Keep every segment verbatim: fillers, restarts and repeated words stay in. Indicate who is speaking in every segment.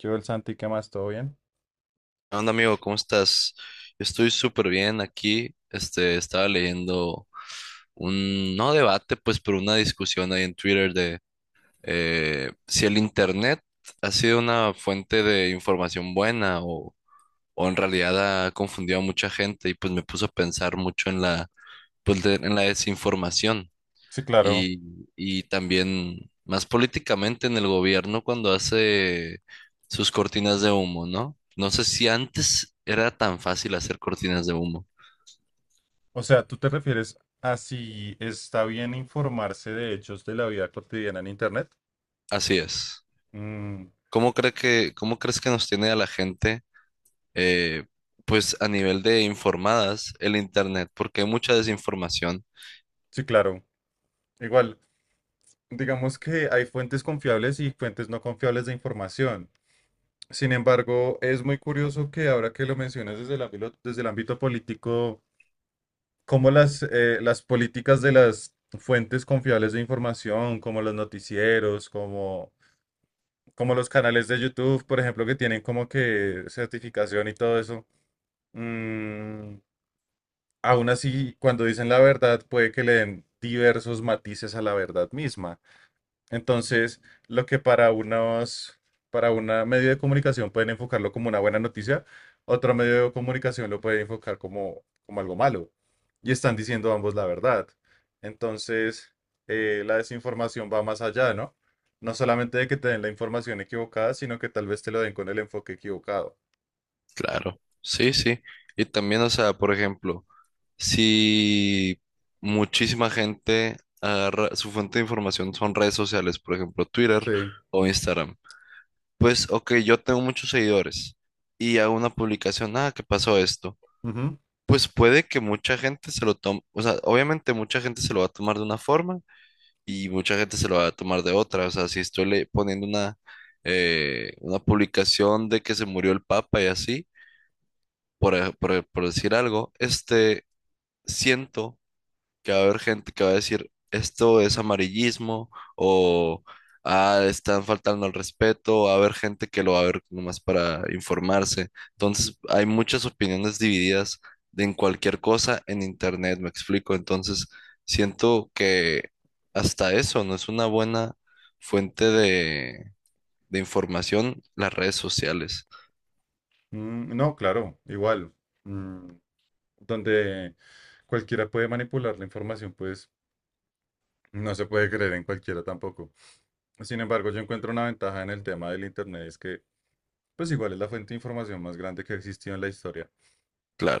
Speaker 1: Yo, el Santi, ¿qué más? ¿Todo bien?
Speaker 2: ¿Qué onda, amigo? ¿Cómo estás? Yo estoy súper bien aquí. Este, estaba leyendo un, no debate, pues, pero una discusión ahí en Twitter de eh, si el internet ha sido una fuente de información buena o, o en realidad ha confundido a mucha gente y pues me puso a pensar mucho en la, pues, de- en la desinformación.
Speaker 1: Sí, claro.
Speaker 2: Y, y también más políticamente en el gobierno cuando hace sus cortinas de humo, ¿no? No sé si antes era tan fácil hacer cortinas de humo.
Speaker 1: O sea, ¿tú te refieres a si está bien informarse de hechos de la vida cotidiana en Internet?
Speaker 2: Así es.
Speaker 1: Mm,
Speaker 2: ¿Cómo cree que, cómo crees que nos tiene a la gente, eh, pues a nivel de informadas, el internet? Porque hay mucha desinformación.
Speaker 1: sí, claro. Igual. Digamos que hay fuentes confiables y fuentes no confiables de información. Sin embargo, es muy curioso que ahora que lo mencionas desde el ámbito, desde el ámbito político, cómo las, eh, las políticas de las fuentes confiables de información, como los noticieros, como, como los canales de YouTube, por ejemplo, que tienen como que certificación y todo eso, mm, aún así, cuando dicen la verdad, puede que le den diversos matices a la verdad misma. Entonces, lo que para unos, para una medio de comunicación pueden enfocarlo como una buena noticia, otro medio de comunicación lo puede enfocar como, como algo malo. Y están diciendo ambos la verdad. Entonces, eh, la desinformación va más allá, ¿no? No solamente de que te den la información equivocada, sino que tal vez te lo den con el enfoque equivocado.
Speaker 2: Claro. Sí, sí. Y también, o sea, por ejemplo. Si Muchísima gente agarra, su fuente de información son redes sociales, por ejemplo, Twitter
Speaker 1: Sí.
Speaker 2: o Instagram. Pues, ok, yo tengo muchos seguidores y hago una publicación, ah, ¿qué pasó esto?
Speaker 1: Ujú.
Speaker 2: Pues puede que mucha gente se lo tome, o sea, obviamente mucha gente se lo va a tomar de una forma y mucha gente se lo va a tomar de otra. O sea, si estoy le- poniendo una, eh, una publicación de que se murió el Papa y así, por, ej- por por decir algo, este, siento que va a haber gente que va a decir, esto es amarillismo o ah, están faltando al respeto, va a haber gente que lo va a ver nomás para informarse. Entonces, hay muchas opiniones divididas de en cualquier cosa en internet, me explico. Entonces, siento que hasta eso no es una buena fuente de, de información, las redes sociales,
Speaker 1: Mm, no, claro, igual. Mm, donde cualquiera puede manipular la información, pues no se puede creer en cualquiera tampoco. Sin embargo, yo encuentro una ventaja en el tema del Internet, es que pues igual es la fuente de información más grande que ha existido en la historia.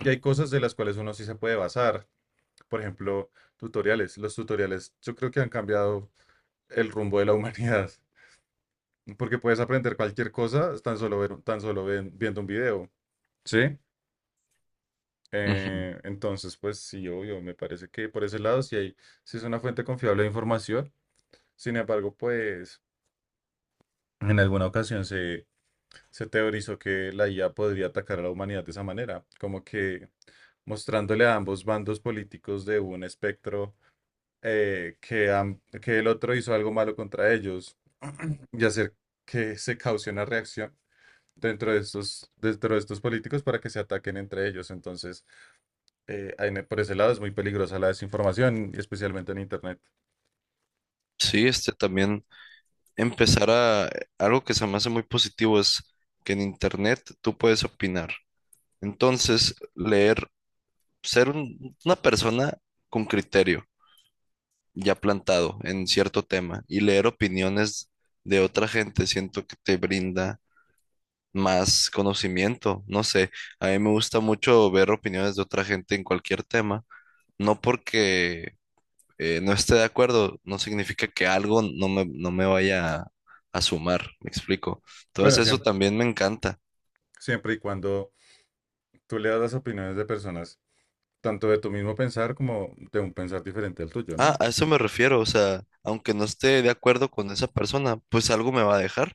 Speaker 1: Y hay cosas de las cuales uno sí se puede basar. Por ejemplo, tutoriales. Los tutoriales yo creo que han cambiado el rumbo de la humanidad, porque puedes aprender cualquier cosa tan solo, ver- tan solo ven- viendo un video. ¿Sí?
Speaker 2: Ujú.
Speaker 1: Eh, entonces, pues sí, obvio, me parece que por ese lado sí, hay, sí es una fuente confiable de información. Sin embargo, pues en alguna ocasión se Se teorizó que la I A podría atacar a la humanidad de esa manera, como que mostrándole a ambos bandos políticos de un espectro eh, que, am- que el otro hizo algo malo contra ellos y hacer que se cause una reacción dentro de estos, dentro de estos políticos para que se ataquen entre ellos. Entonces, eh, en- por ese lado es muy peligrosa la desinformación, y especialmente en Internet.
Speaker 2: Sí, este también. Empezar a algo que se me hace muy positivo es que en internet tú puedes opinar. Entonces, leer, ser un- una persona con criterio ya plantado en cierto tema y leer opiniones de otra gente, siento que te brinda más conocimiento. No sé, a mí me gusta mucho ver opiniones de otra gente en cualquier tema, no porque eh, no esté de acuerdo, no significa que algo no me, no me vaya a, a sumar, me explico. Entonces
Speaker 1: Bueno,
Speaker 2: eso
Speaker 1: siempre,
Speaker 2: también me encanta.
Speaker 1: siempre y cuando tú leas las opiniones de personas, tanto de tu mismo pensar como de un pensar diferente al tuyo,
Speaker 2: Ah,
Speaker 1: ¿no?
Speaker 2: a eso me refiero, o sea, aunque no esté de acuerdo con esa persona, pues algo me va a dejar.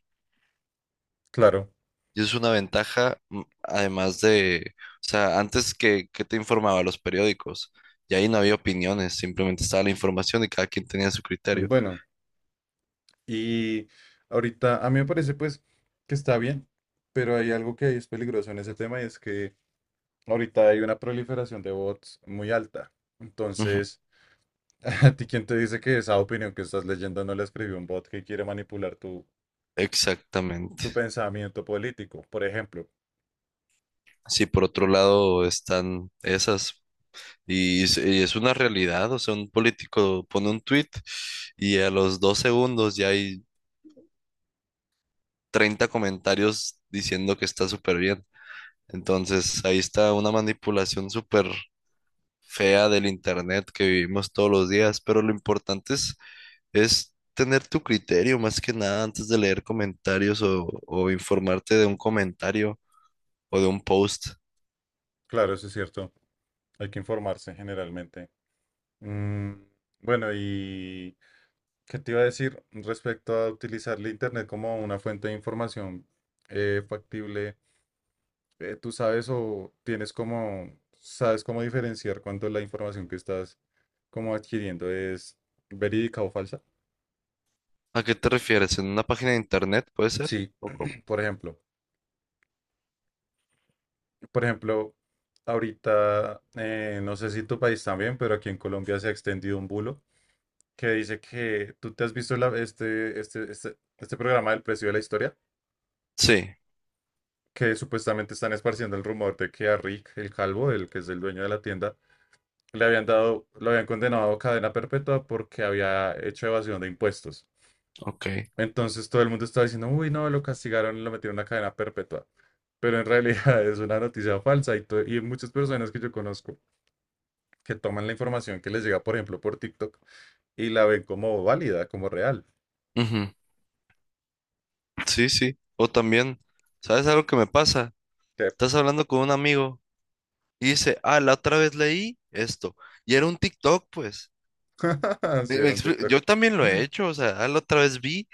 Speaker 1: Claro.
Speaker 2: Y es una ventaja, mm, además de, o sea, antes que, que te informaba los periódicos, y ahí no había opiniones, simplemente estaba la información y cada quien tenía su criterio.
Speaker 1: Bueno, y ahorita a mí me parece pues que está bien, pero hay algo que es peligroso en ese tema y es que ahorita hay una proliferación de bots muy alta.
Speaker 2: Ujú.
Speaker 1: Entonces, ¿a ti quién te dice que esa opinión que estás leyendo no la escribió un bot que quiere manipular tu, tu
Speaker 2: Exactamente.
Speaker 1: pensamiento político? Por ejemplo,
Speaker 2: Sí, por otro lado están esas. Y es, y es una realidad, o sea, un político pone un tweet y a los dos segundos ya hay treinta comentarios diciendo que está súper bien. Entonces, ahí está una manipulación súper fea del internet que vivimos todos los días, pero lo importante es, es tener tu criterio más que nada antes de leer comentarios o, o informarte de un comentario o de un post.
Speaker 1: claro, eso es cierto, hay que informarse generalmente. Mm, bueno, ¿Qué te iba a decir respecto a utilizar la internet como una fuente de información eh, factible? Eh, ¿tú sabes o tienes como, sabes cómo diferenciar cuánto la información que estás como adquiriendo es verídica o falsa?
Speaker 2: ¿A qué te refieres? ¿En una página de internet puede ser?
Speaker 1: Sí,
Speaker 2: ¿O cómo?
Speaker 1: por ejemplo, por ejemplo, ahorita, eh, no sé si tu país también, pero aquí en Colombia se ha extendido un bulo que dice que tú te has visto la- este, este, este, este programa del precio de la historia.
Speaker 2: Sí,
Speaker 1: Que supuestamente están esparciendo el rumor de que a Rick, el calvo, el que es el dueño de la tienda, le habían dado, lo habían condenado a cadena perpetua porque había hecho evasión de impuestos.
Speaker 2: ok.
Speaker 1: Entonces todo el mundo estaba diciendo, uy, no, lo castigaron, y lo metieron a cadena perpetua. Pero en realidad es una noticia falsa y, to- y muchas personas que yo conozco que toman la información que les llega, por ejemplo, por TikTok y la ven como válida, como real.
Speaker 2: Ujú. Sí, sí. O también, ¿sabes algo que me pasa?
Speaker 1: Que,
Speaker 2: Estás hablando con un amigo y dice, ah, la otra vez leí esto. Y era un TikTok, pues.
Speaker 1: sí,
Speaker 2: Me- me
Speaker 1: era un
Speaker 2: expli-
Speaker 1: TikTok.
Speaker 2: Yo también lo he hecho, o sea, ah, la otra vez vi,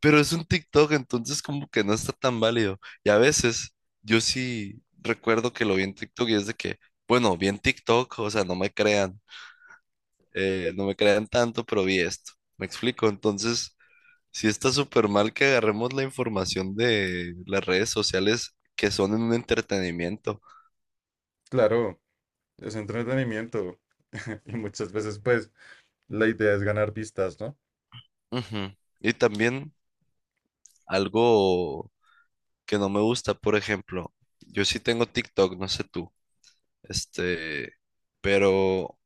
Speaker 2: pero es un TikTok, entonces como que no está tan válido. Y a veces yo sí recuerdo que lo vi en TikTok y es de que, bueno, vi en TikTok, o sea, no me crean, eh, no me crean tanto, pero vi esto. Me explico. Entonces sí está súper mal que agarremos la información de las redes sociales que son en un entretenimiento.
Speaker 1: Claro, es entretenimiento. Y muchas veces, pues, La idea es ganar vistas, ¿no?
Speaker 2: Ujú. Y también algo que no me gusta, por ejemplo, yo sí tengo TikTok, no sé tú, este, pero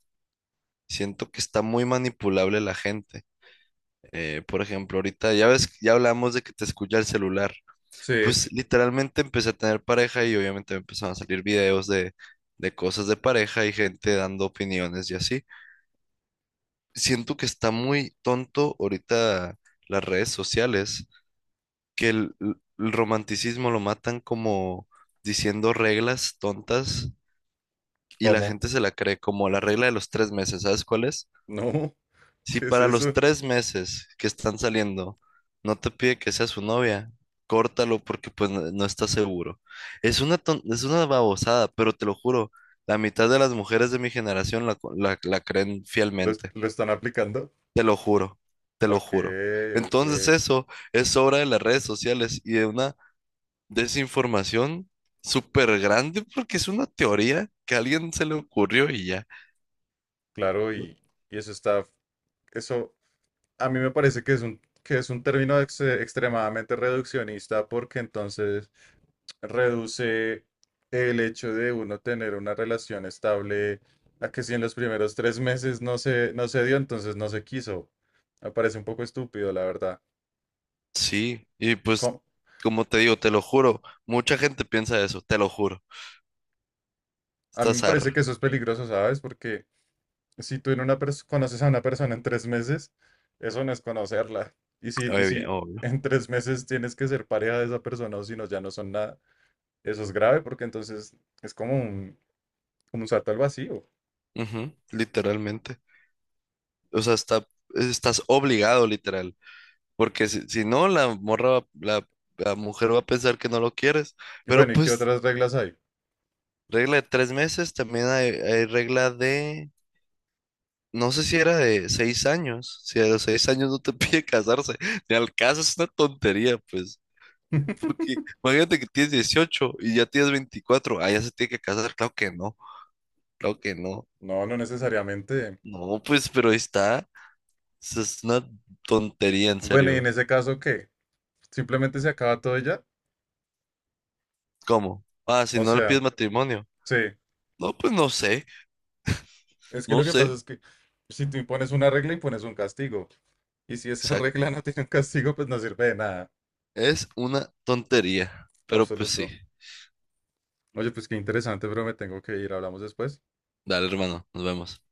Speaker 2: siento que está muy manipulable la gente. Eh, por ejemplo, ahorita ya ves, ya hablamos de que te escucha el celular.
Speaker 1: Sí.
Speaker 2: Pues literalmente empecé a tener pareja y obviamente me empezaron a salir videos de, de cosas de pareja y gente dando opiniones y así. Siento que está muy tonto ahorita las redes sociales, que el, el romanticismo lo matan como diciendo reglas tontas y la
Speaker 1: ¿Cómo?
Speaker 2: gente se la cree como la regla de los tres meses, ¿sabes cuál es?
Speaker 1: No,
Speaker 2: Si
Speaker 1: ¿qué es
Speaker 2: para los
Speaker 1: eso?
Speaker 2: tres meses que están saliendo no te pide que sea su novia, córtalo porque pues no, no estás seguro. Es una, ton- es una babosada, pero te lo juro, la mitad de las mujeres de mi generación la, co- la la creen
Speaker 1: ¿Lo, es-
Speaker 2: fielmente.
Speaker 1: lo están aplicando?
Speaker 2: Te lo juro, te lo
Speaker 1: Ok,
Speaker 2: juro.
Speaker 1: ok.
Speaker 2: Entonces eso es obra de las redes sociales y de una desinformación súper grande porque es una teoría que a alguien se le ocurrió y ya.
Speaker 1: Claro, y, y eso está, eso a mí me parece que es un, que es un término ex- extremadamente reduccionista porque entonces reduce el hecho de uno tener una relación estable a que si en los primeros tres meses no se, no se dio, entonces no se quiso. Me parece un poco estúpido, la verdad.
Speaker 2: Sí, y pues
Speaker 1: ¿Cómo,
Speaker 2: como te digo, te lo juro, mucha gente piensa eso, te lo juro.
Speaker 1: A mí me
Speaker 2: Estás
Speaker 1: parece que
Speaker 2: arra.
Speaker 1: eso es peligroso, ¿sabes? Porque si tú en una pers- conoces a una persona en tres meses, eso no es conocerla. Y si, y
Speaker 2: Obvio,
Speaker 1: si
Speaker 2: obvio.
Speaker 1: en tres meses tienes que ser pareja de esa persona o si no, ya no son nada, eso es grave porque entonces es como un, como un salto al vacío.
Speaker 2: Ujú, literalmente. O sea, está, estás obligado, literal. Porque si, si no, la morra, va- la, la mujer va a pensar que no lo quieres.
Speaker 1: Y
Speaker 2: Pero
Speaker 1: bueno, ¿y qué
Speaker 2: pues
Speaker 1: otras reglas hay?
Speaker 2: regla de tres meses, también hay, hay regla de, no sé si era de seis años, si a los seis años no te pide casarse, ni al caso es una tontería, pues, porque imagínate que tienes dieciocho y ya tienes veinticuatro, ah, ya se tiene que casar, claro que no, claro que no.
Speaker 1: No, no necesariamente.
Speaker 2: No, pues, pero ahí está, eso es una tontería, en
Speaker 1: Bueno, ¿y en
Speaker 2: serio.
Speaker 1: ese caso qué? ¿Simplemente se acaba todo y ya?
Speaker 2: ¿Cómo? Ah, si
Speaker 1: O
Speaker 2: no le
Speaker 1: sea,
Speaker 2: pides matrimonio,
Speaker 1: sí.
Speaker 2: no, pues no sé,
Speaker 1: Es que
Speaker 2: no
Speaker 1: lo que pasa
Speaker 2: sé,
Speaker 1: es que si tú impones una regla, impones un castigo. Y si esa regla
Speaker 2: exacto,
Speaker 1: no tiene un castigo, pues no sirve de nada.
Speaker 2: es una tontería, pero pues sí,
Speaker 1: absoluto. Oye, pues qué interesante, pero me tengo que ir. Hablamos después.
Speaker 2: dale hermano, nos vemos.